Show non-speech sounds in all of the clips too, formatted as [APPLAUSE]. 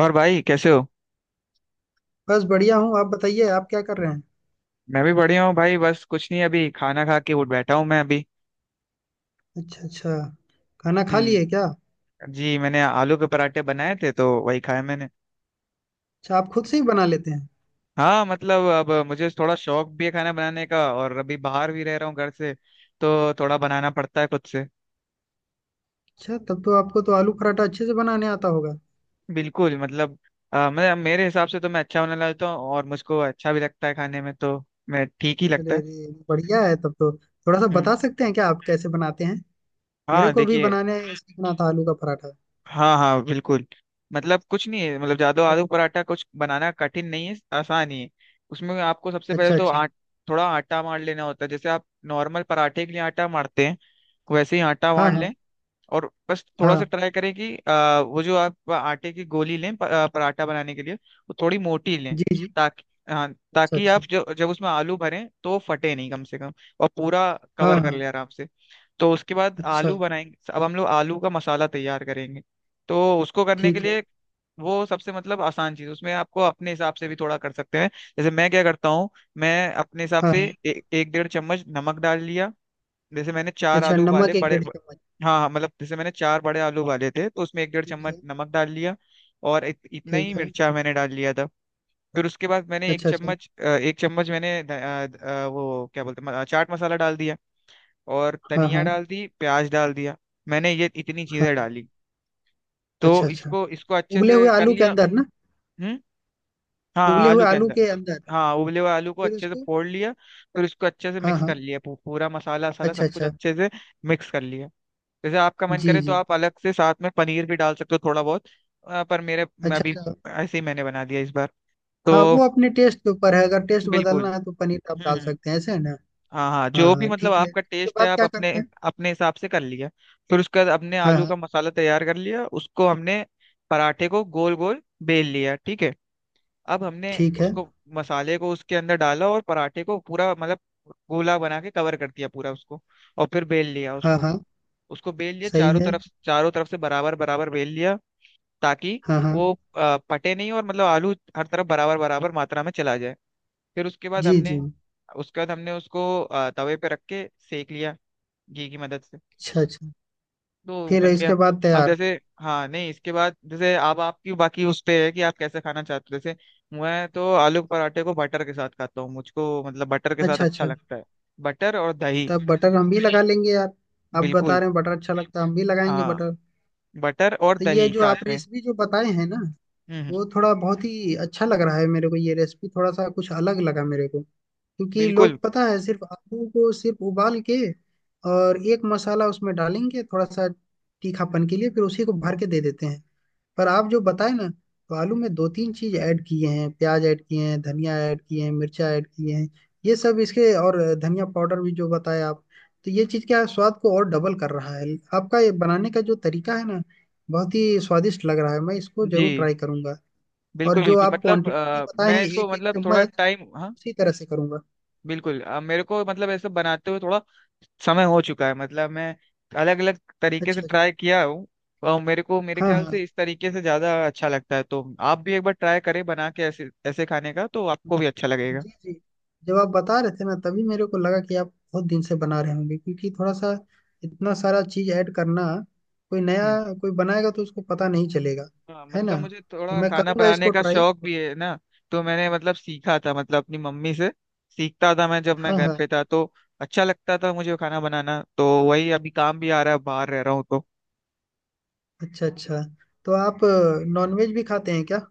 और भाई कैसे हो। बस बढ़िया हूँ। आप बताइए, आप क्या कर रहे हैं? मैं भी बढ़िया हूँ भाई। बस कुछ नहीं, अभी खाना खा के उठ बैठा हूँ मैं अभी। अच्छा अच्छा। खाना खा लिए हम्म। क्या? जी, मैंने आलू के पराठे बनाए थे तो वही खाए मैंने। अच्छा, आप खुद से ही बना लेते हैं? हाँ मतलब अब मुझे थोड़ा शौक भी है खाना बनाने का, और अभी बाहर भी रह रहा हूँ घर से, तो थोड़ा बनाना पड़ता है खुद से। अच्छा, तब तो आपको तो आलू पराठा अच्छे से बनाने आता होगा। बिल्कुल। मतलब मैं, मेरे हिसाब से तो मैं अच्छा बनाने लगता हूँ और मुझको अच्छा भी लगता है खाने में, तो मैं ठीक ही लगता अरे है। अरे, बढ़िया है तब तो। थोड़ा सा हम्म। बता सकते हैं क्या आप कैसे बनाते हैं? मेरे हाँ को भी देखिए। बनाने सीखना था आलू का पराठा। हाँ हाँ बिल्कुल। मतलब कुछ नहीं है, मतलब जादू, आलू पराठा कुछ बनाना कठिन नहीं है, आसान ही है। उसमें आपको सबसे पहले अच्छा तो अच्छा। आट थोड़ा आटा मार लेना होता है, जैसे आप नॉर्मल पराठे के लिए आटा मारते हैं वैसे ही आटा हाँ मार हाँ। लें। और बस थोड़ा सा हाँ, ट्राई करें कि वो जो आप आटे की गोली लें पराठा बनाने के लिए वो थोड़ी मोटी लें। जी जी। ताकि हाँ, अच्छा ताकि अच्छा। आप जब जब उसमें आलू भरें तो वो फटे नहीं कम से कम, और पूरा हाँ कवर कर हाँ। ले आराम से। तो उसके बाद अच्छा। आलू बनाएंगे, अब हम लोग आलू का मसाला तैयार करेंगे। तो उसको करने के ठीक है। लिए वो सबसे मतलब आसान चीज, उसमें आपको अपने हिसाब से भी थोड़ा कर सकते हैं। जैसे मैं क्या करता हूँ, मैं अपने हिसाब हाँ से हाँ। एक डेढ़ चम्मच नमक डाल लिया। जैसे मैंने चार अच्छा, आलू उबाले नमक एक बड़े डेढ़ चम्मच। हाँ हाँ, मतलब जैसे मैंने चार बड़े आलू उबाले थे तो उसमें एक डेढ़ ठीक चम्मच है। नमक डाल लिया। और इतना ही ठीक है। मिर्चा मैंने डाल लिया था। फिर उसके बाद मैंने एक अच्छा अच्छा। चम्मच एक चम्मच मैंने वो क्या बोलते हैं, चाट मसाला डाल दिया। और हाँ धनिया हाँ। डाल दी, प्याज डाल दिया। मैंने ये इतनी चीजें हाँ। डाली। अच्छा तो अच्छा। इसको इसको अच्छे उबले से हुए कर आलू के लिया। अंदर ना? हम्म। हाँ उबले हाँ, हुए आलू के आलू अंदर। के अंदर। हाँ, उबले हुए आलू को फिर अच्छे से उसको। फोड़ लिया, फिर उसको अच्छे से हाँ मिक्स हाँ। कर लिया, पूरा मसाला वसाला अच्छा सब कुछ अच्छा। अच्छे से मिक्स कर लिया। जैसे आपका मन जी करे तो जी। आप अलग से साथ में पनीर भी डाल सकते हो थोड़ा बहुत। पर मेरे मैं अच्छा अभी अच्छा। ऐसे ही मैंने बना दिया इस बार। हाँ, तो वो अपने टेस्ट के ऊपर है। अगर टेस्ट बिल्कुल। बदलना है तो पनीर आप हम्म डाल हम्म सकते हैं, ऐसे है ना? हाँ हाँ, हाँ जो भी हाँ, मतलब ठीक है। आपका इसके टेस्ट है, बाद आप क्या अपने करते हैं? अपने हिसाब से कर लिया। फिर उसके बाद हमने हाँ आलू हाँ। का मसाला तैयार कर लिया, उसको हमने पराठे को गोल गोल बेल लिया, ठीक है। अब हमने ठीक है। उसको, मसाले को उसके अंदर डाला, और पराठे को पूरा मतलब गोला बना के कवर कर दिया पूरा उसको, और फिर बेल लिया हाँ उसको। हाँ। उसको बेल लिया सही चारों है। तरफ, चारों तरफ से बराबर बराबर बेल लिया। ताकि हाँ हाँ। वो फटे नहीं और मतलब आलू हर तरफ बराबर बराबर मात्रा में चला जाए। फिर जी जी। उसके बाद हमने उसको तवे पे रख के सेक लिया, घी की मदद से। अच्छा अच्छा। तो वो फिर बन गया। इसके बाद अब तैयार? जैसे, हाँ नहीं, इसके बाद जैसे अब आपकी बाकी उस पे है कि आप कैसे खाना चाहते हो। जैसे मैं तो आलू के पराठे को बटर के साथ खाता हूँ, मुझको मतलब बटर के साथ अच्छा अच्छा अच्छा। लगता है। बटर और दही। तब बटर हम भी लगा लेंगे यार। आप बता बिल्कुल। रहे हैं बटर अच्छा लगता है, हम भी लगाएंगे हाँ, बटर। बटर और तो ये दही जो साथ आप में। रेसिपी जो बताए हैं ना, हम्म। वो थोड़ा बहुत ही अच्छा लग रहा है मेरे को। ये रेसिपी थोड़ा सा कुछ अलग लगा मेरे को, क्योंकि बिल्कुल। लोग पता है सिर्फ आलू को सिर्फ उबाल के और एक मसाला उसमें डालेंगे थोड़ा सा तीखापन के लिए, फिर उसी को भर के दे देते हैं। पर आप जो बताए ना, तो आलू में दो तीन चीज ऐड किए हैं, प्याज ऐड किए हैं, धनिया ऐड किए हैं, मिर्चा ऐड किए हैं, ये सब इसके और धनिया पाउडर भी जो बताया आप, तो ये चीज क्या है, स्वाद को और डबल कर रहा है। आपका ये बनाने का जो तरीका है ना, बहुत ही स्वादिष्ट लग रहा है। मैं इसको जी जरूर ट्राई करूंगा। और बिल्कुल जो बिल्कुल। आप मतलब क्वांटिटी बताए हैं, मैं इसको एक एक मतलब थोड़ा चम्मच, टाइम, हाँ उसी तरह से करूंगा। बिल्कुल। मेरे को मतलब ऐसा बनाते हुए थोड़ा समय हो चुका है, मतलब मैं अलग अलग तरीके से अच्छा अच्छा। ट्राई किया हूँ। और मेरे को मेरे हाँ ख्याल हाँ। से इस तरीके से ज्यादा अच्छा लगता है, तो आप भी एक बार ट्राई करें बना के ऐसे, ऐसे खाने का तो आपको भी अच्छा लगेगा। जी जी। जब आप बता रहे थे ना, तभी मेरे को लगा कि आप बहुत दिन से बना रहे होंगे, क्योंकि थोड़ा सा इतना सारा चीज ऐड करना, कोई नया हम्म। कोई बनाएगा तो उसको पता नहीं चलेगा। हाँ है ना? मतलब मुझे तो थोड़ा मैं खाना करूंगा बनाने इसको का ट्राई। शौक भी है ना, तो मैंने मतलब सीखा था, मतलब अपनी मम्मी से सीखता था मैं, जब मैं हाँ घर हाँ। पे था तो अच्छा लगता था मुझे खाना बनाना, तो वही अभी काम भी आ रहा है, बाहर रह रहा हूँ तो। अच्छा अच्छा। तो आप नॉनवेज भी खाते हैं क्या?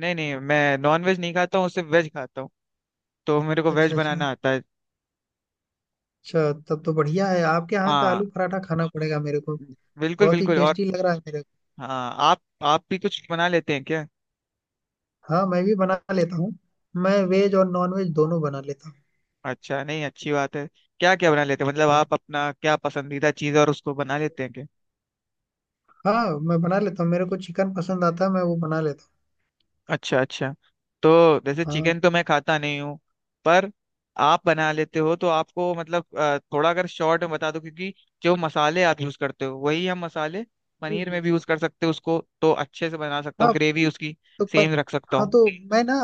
नहीं नहीं, मैं नॉन वेज नहीं खाता हूँ, सिर्फ वेज खाता हूँ, तो मेरे को वेज अच्छा अच्छा। बनाना आता है। अच्छा, तब तो बढ़िया है। आपके यहाँ का हाँ आलू पराठा खाना पड़ेगा मेरे को। बिल्कुल बहुत ही बिल्कुल। और टेस्टी लग रहा है मेरे को। हाँ, आप भी कुछ बना लेते हैं क्या। हाँ, मैं भी बना लेता हूँ। मैं वेज और नॉन वेज दोनों बना लेता अच्छा, नहीं अच्छी बात है। क्या क्या बना लेते हैं, मतलब हूँ। आप अपना क्या पसंदीदा चीज़ है और उसको बना लेते हैं। हाँ, मैं बना लेता हूँ। मेरे को चिकन पसंद आता है, मैं वो बना लेता अच्छा अच्छा। तो जैसे हूँ। हाँ, चिकन तो मैं खाता नहीं हूँ, पर आप बना लेते हो तो आपको मतलब थोड़ा अगर शॉर्ट में बता दो, क्योंकि जो मसाले आप यूज करते हो वही हम मसाले जी पनीर में जी। भी यूज कर सकते हो, उसको तो अच्छे से बना सकता हूँ, हाँ ग्रेवी उसकी तो सेम रख सकता हाँ हूँ। तो मैं ना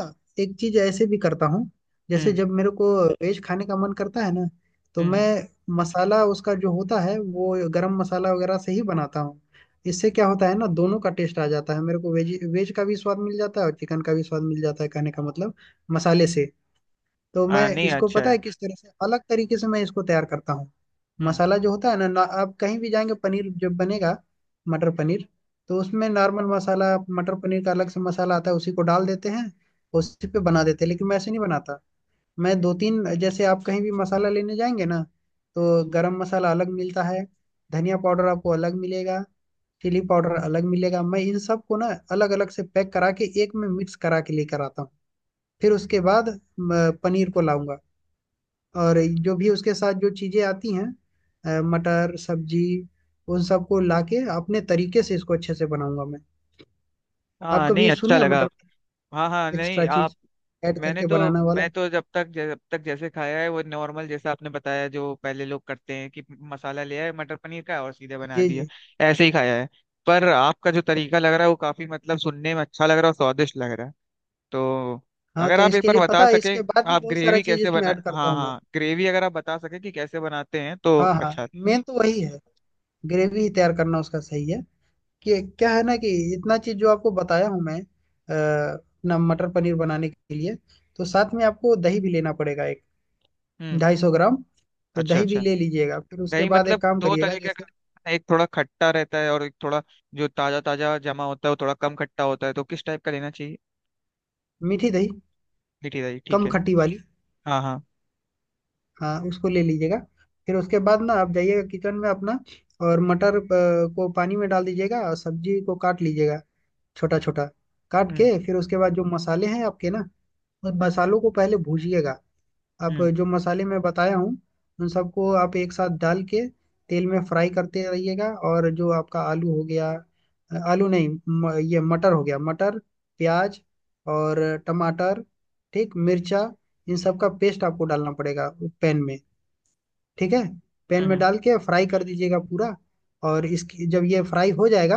एक चीज ऐसे भी करता हूँ। जैसे हम्म जब मेरे को वेज खाने का मन करता है ना, तो मैं हम्म मसाला उसका जो होता है वो गरम मसाला वगैरह से ही बनाता हूँ। इससे क्या होता है ना, दोनों का टेस्ट आ जाता है मेरे को, वेज वेज का भी स्वाद मिल जाता है और चिकन का भी स्वाद मिल जाता है। कहने का मतलब, मसाले से। तो मैं हाँ नहीं इसको अच्छा पता है। है किस तरह से अलग तरीके से मैं इसको तैयार करता हूँ। हम्म। मसाला जो होता है ना ना, आप कहीं भी जाएंगे पनीर जब बनेगा, मटर पनीर, तो उसमें नॉर्मल मसाला मटर पनीर का अलग से मसाला आता है, उसी को डाल देते हैं, उसी पे बना देते हैं। लेकिन मैं ऐसे नहीं बनाता। मैं दो तीन, जैसे आप कहीं भी मसाला लेने जाएंगे ना, तो गरम मसाला अलग मिलता है, धनिया पाउडर आपको अलग मिलेगा, चिली पाउडर अलग मिलेगा, मैं इन सब को ना अलग अलग से पैक करा के एक में मिक्स करा के लेकर आता हूँ। फिर उसके बाद पनीर को लाऊंगा, और जो भी उसके साथ जो चीजें आती हैं, मटर सब्जी, उन सबको लाके अपने तरीके से इसको अच्छे से बनाऊंगा मैं। आप हाँ नहीं कभी सुने अच्छा हैं लगा। मटर हाँ हाँ, नहीं एक्स्ट्रा आप, चीज ऐड मैंने करके तो, बनाने वाला? मैं तो जब तक जैसे खाया है वो नॉर्मल, जैसा आपने बताया जो पहले लोग करते हैं कि मसाला ले आए मटर पनीर का और सीधे बना जी दिया, जी। ऐसे ही खाया है। पर आपका जो तरीका लग रहा है वो काफी मतलब सुनने में अच्छा लग रहा है और स्वादिष्ट लग रहा है। तो हाँ, अगर तो आप एक इसके बार लिए बता पता है, सके, इसके बाद भी आप बहुत सारा ग्रेवी चीज कैसे इसमें बना, ऐड करता हाँ हूँ मैं। हाँ, ग्रेवी अगर आप बता सके कि कैसे बनाते हैं तो हाँ हाँ। अच्छा। मेन तो वही है, ग्रेवी ही तैयार करना उसका सही है। कि क्या है ना, कि इतना चीज जो आपको बताया हूँ मैं अपना मटर पनीर बनाने के लिए, तो साथ में आपको दही भी लेना पड़ेगा, एक हम्म। 250 ग्राम। तो अच्छा दही भी अच्छा। ले लीजिएगा। फिर उसके दही बाद मतलब एक काम दो करिएगा, तरीके जैसे, का, एक थोड़ा खट्टा रहता है और एक थोड़ा जो ताजा ताजा जमा होता है वो थोड़ा कम खट्टा होता है, तो किस टाइप का लेना चाहिए। मीठी दही, मीठी दही ठीक कम है। खट्टी वाली। हाँ हाँ। हाँ, उसको ले लीजिएगा। फिर उसके बाद ना आप जाइएगा किचन में अपना, और मटर को पानी में डाल दीजिएगा, और सब्जी को काट लीजिएगा, छोटा छोटा काट हम्म। के। फिर उसके बाद जो मसाले हैं आपके ना, उन मसालों को पहले भूजिएगा। आप हम्म। जो मसाले मैं बताया हूँ, उन सबको आप एक साथ डाल के तेल में फ्राई करते रहिएगा। और जो आपका आलू हो गया, अ, आलू नहीं म, ये मटर हो गया, मटर, प्याज, और टमाटर, ठीक, मिर्चा, इन सब का पेस्ट आपको डालना पड़ेगा पैन में। ठीक है? पैन हम्म में हम्म डाल के फ्राई कर दीजिएगा पूरा। और इसकी जब ये फ्राई हो जाएगा,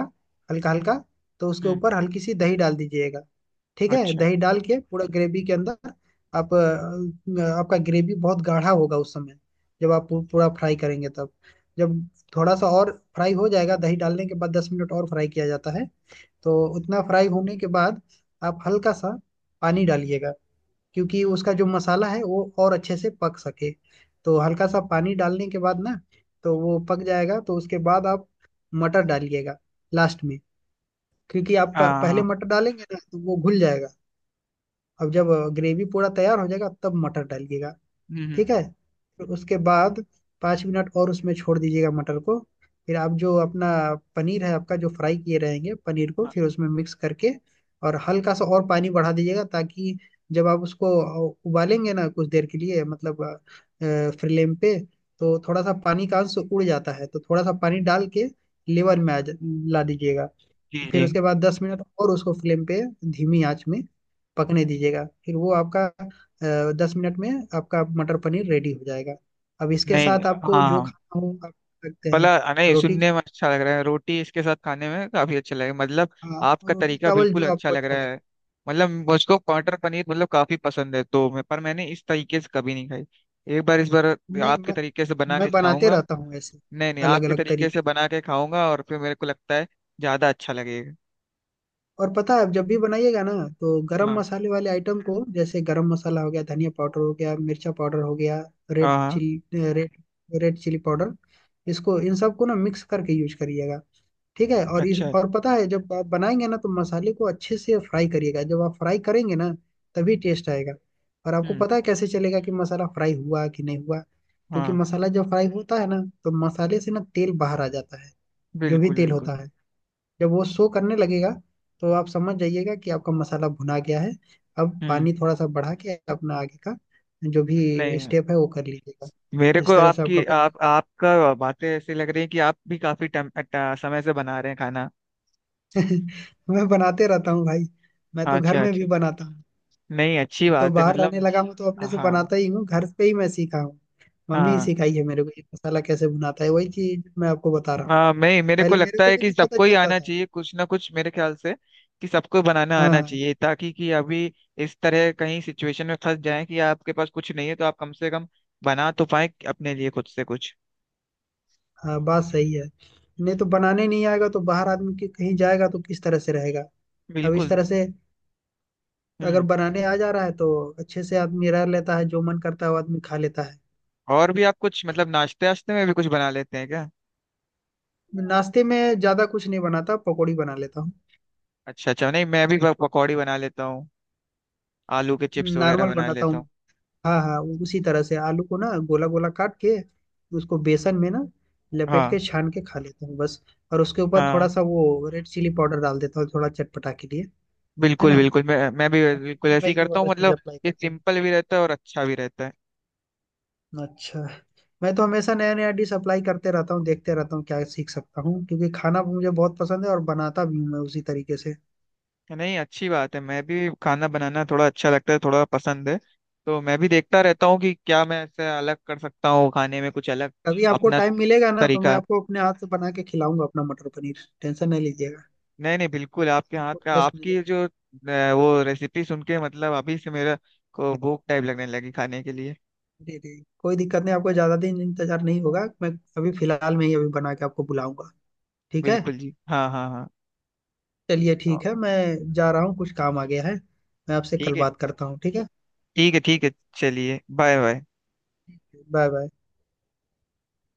हल्का हल्का, तो उसके हम्म, ऊपर हल्की सी दही डाल दीजिएगा। ठीक है? अच्छा। दही डाल के पूरा ग्रेवी के अंदर, आप आपका ग्रेवी बहुत गाढ़ा होगा उस समय, जब आप पूरा फ्राई करेंगे तब। जब थोड़ा सा और फ्राई हो जाएगा, दही डालने के बाद 10 मिनट और फ्राई किया जाता है। तो उतना फ्राई होने के बाद आप हल्का सा पानी डालिएगा, क्योंकि उसका जो मसाला है वो और अच्छे से पक सके। तो हल्का सा पानी डालने के बाद ना, तो वो पक जाएगा। तो उसके बाद आप मटर डालिएगा लास्ट में, क्योंकि आप हाँ पहले हाँ, मटर डालेंगे ना तो वो घुल जाएगा। अब जब ग्रेवी पूरा तैयार हो जाएगा तब मटर डालिएगा। हम्म। ठीक है? फिर उसके बाद 5 मिनट और उसमें छोड़ दीजिएगा मटर को। फिर आप जो अपना पनीर है आपका जो फ्राई किए रहेंगे पनीर को हाँ, फिर उसमें मिक्स करके, और हल्का सा और पानी बढ़ा दीजिएगा, ताकि जब आप उसको उबालेंगे ना कुछ देर के लिए, मतलब फ्लेम पे, तो थोड़ा सा पानी का अंश उड़ जाता है, तो थोड़ा सा पानी डाल के लेवर में ला दीजिएगा। जी फिर जी। उसके बाद 10 मिनट और उसको फ्लेम पे, धीमी आंच में पकने दीजिएगा, फिर वो आपका 10 मिनट में आपका मटर पनीर रेडी हो जाएगा। अब इसके नहीं, साथ आपको हाँ जो हाँ, खाना हो आप खा सकते हैं। भला, नहीं रोटी सुनने खा- में अच्छा लग रहा है, रोटी इसके साथ खाने में काफी अच्छा लगेगा मतलब। हाँ, आपका रोटी तरीका चावल बिल्कुल जो अच्छा आपको लग अच्छा रहा लगे। है। मतलब मुझको मटर पनीर मतलब काफी पसंद है तो मैं, पर मैंने इस तरीके से कभी नहीं खाई। एक बार इस बार नहीं आपके मैं, तरीके से बना मैं के बनाते खाऊंगा। रहता हूँ ऐसे, नहीं नहीं, अलग आपके अलग तरीके तरीके। से बना के खाऊंगा और फिर मेरे को लगता है ज्यादा अच्छा लगेगा। और पता है आप जब भी बनाइएगा ना, तो गरम हाँ मसाले वाले आइटम को, जैसे गरम मसाला हो गया, धनिया पाउडर हो गया, मिर्चा पाउडर हो गया, रेड हाँ। हाँ, chili, red, red chili powder, इसको इन सबको ना मिक्स करके यूज करिएगा। ठीक है? और इस, अच्छा। और पता है जब आप बनाएंगे ना, तो मसाले को अच्छे से फ्राई करिएगा। जब आप फ्राई करेंगे ना, तभी टेस्ट आएगा। और आपको हम्म। पता है कैसे चलेगा कि मसाला फ्राई हुआ कि नहीं हुआ? क्योंकि हाँ मसाला जब फ्राई होता है ना, तो मसाले से ना तेल बाहर आ जाता है, जो भी बिल्कुल तेल बिल्कुल। होता है। जब वो शो करने लगेगा, तो आप समझ जाइएगा कि आपका मसाला भुना गया है। अब हम्म। पानी थोड़ा सा बढ़ा के अपना आगे का जो भी नहीं, स्टेप है वो कर लीजिएगा। मेरे को इस तरह से आपका आपकी, आप आपका बातें ऐसी लग रही है कि आप भी काफी टाइम, समय से बना रहे हैं खाना। बन- [LAUGHS] मैं बनाते रहता हूँ भाई। मैं तो घर अच्छा में अच्छा। भी बनाता हूँ। नहीं अच्छी तो बात है बाहर रहने मतलब। लगा हूँ तो अपने से हाँ बनाता ही हूँ। घर पे ही मैं सीखा हूँ, मम्मी ही हाँ। सिखाई है मेरे को। ये मसाला कैसे बनाता है, वही चीज मैं आपको बता रहा हूँ। हाँ मैं, मेरे को पहले मेरे लगता को है भी कि नहीं पता सबको ही चलता आना था। चाहिए कुछ ना कुछ, मेरे ख्याल से कि सबको बनाना हाँ आना हाँ। चाहिए, ताकि कि अभी इस तरह कहीं सिचुएशन में फंस जाए कि आपके पास कुछ नहीं है तो आप कम से कम बना तो पाए अपने लिए खुद से कुछ। हाँ, बात सही है। नहीं तो बनाने नहीं आएगा तो बाहर आदमी कहीं जाएगा तो किस तरह से रहेगा? अब इस बिल्कुल। तरह से अगर हम्म। बनाने आ जा रहा है, तो अच्छे से आदमी रह लेता है, जो मन करता है वो आदमी खा लेता है। और भी आप कुछ मतलब नाश्ते वाश्ते में भी कुछ बना लेते हैं क्या। नाश्ते में ज्यादा कुछ नहीं बनाता, पकौड़ी बना लेता हूँ। अच्छा अच्छा, नहीं मैं भी पकौड़ी बना लेता हूँ, आलू के चिप्स वगैरह नॉर्मल बना बनाता हूँ। लेता हूँ। हाँ हाँ, वो उसी तरह से आलू को ना गोला गोला काट के, उसको बेसन में ना लपेट हाँ। के छान के खा लेता हूँ बस। और उसके ऊपर थोड़ा हाँ सा वो रेड चिली पाउडर डाल देता हूँ, थोड़ा चटपटा के लिए। है बिल्कुल ना? बिल्कुल, मैं भी बिल्कुल ऐसे मैं ही ये करता हूँ वाला चीज मतलब। अप्लाई ये करता हूँ। सिंपल भी रहता है और अच्छा भी रहता है। अच्छा, मैं तो हमेशा नया नया डिश अप्लाई करते रहता हूँ, देखते रहता हूँ क्या सीख सकता हूँ, क्योंकि खाना मुझे बहुत पसंद है और बनाता भी हूँ मैं उसी तरीके से। नहीं अच्छी बात है, मैं भी खाना बनाना थोड़ा अच्छा लगता है, थोड़ा पसंद है। तो मैं भी देखता रहता हूँ कि क्या मैं ऐसे अलग कर सकता हूँ खाने में कुछ अलग। कभी आपको अपना टाइम मिलेगा ना, तो मैं तरीका, आपको अपने हाथ से बना के खिलाऊंगा अपना मटर पनीर, टेंशन नहीं लीजिएगा। नहीं नहीं बिल्कुल आपके हाथ आपको का, टेस्ट आपकी मिलेगा। जो वो रेसिपी सुन के मतलब अभी से मेरा को भूख टाइप लगने लगी खाने के लिए। जी जी। कोई दिक्कत नहीं, आपको ज्यादा दिन इंतजार नहीं होगा। मैं अभी फिलहाल में ही अभी बना के आपको बुलाऊंगा। ठीक है? बिल्कुल जी, हाँ हाँ। चलिए हाँ ठीक है, मैं जा रहा हूँ, कुछ काम आ गया है। मैं आपसे ठीक कल है। बात करता हूँ, ठीक है? ठीक है ठीक है। चलिए बाय बाय। Bye bye.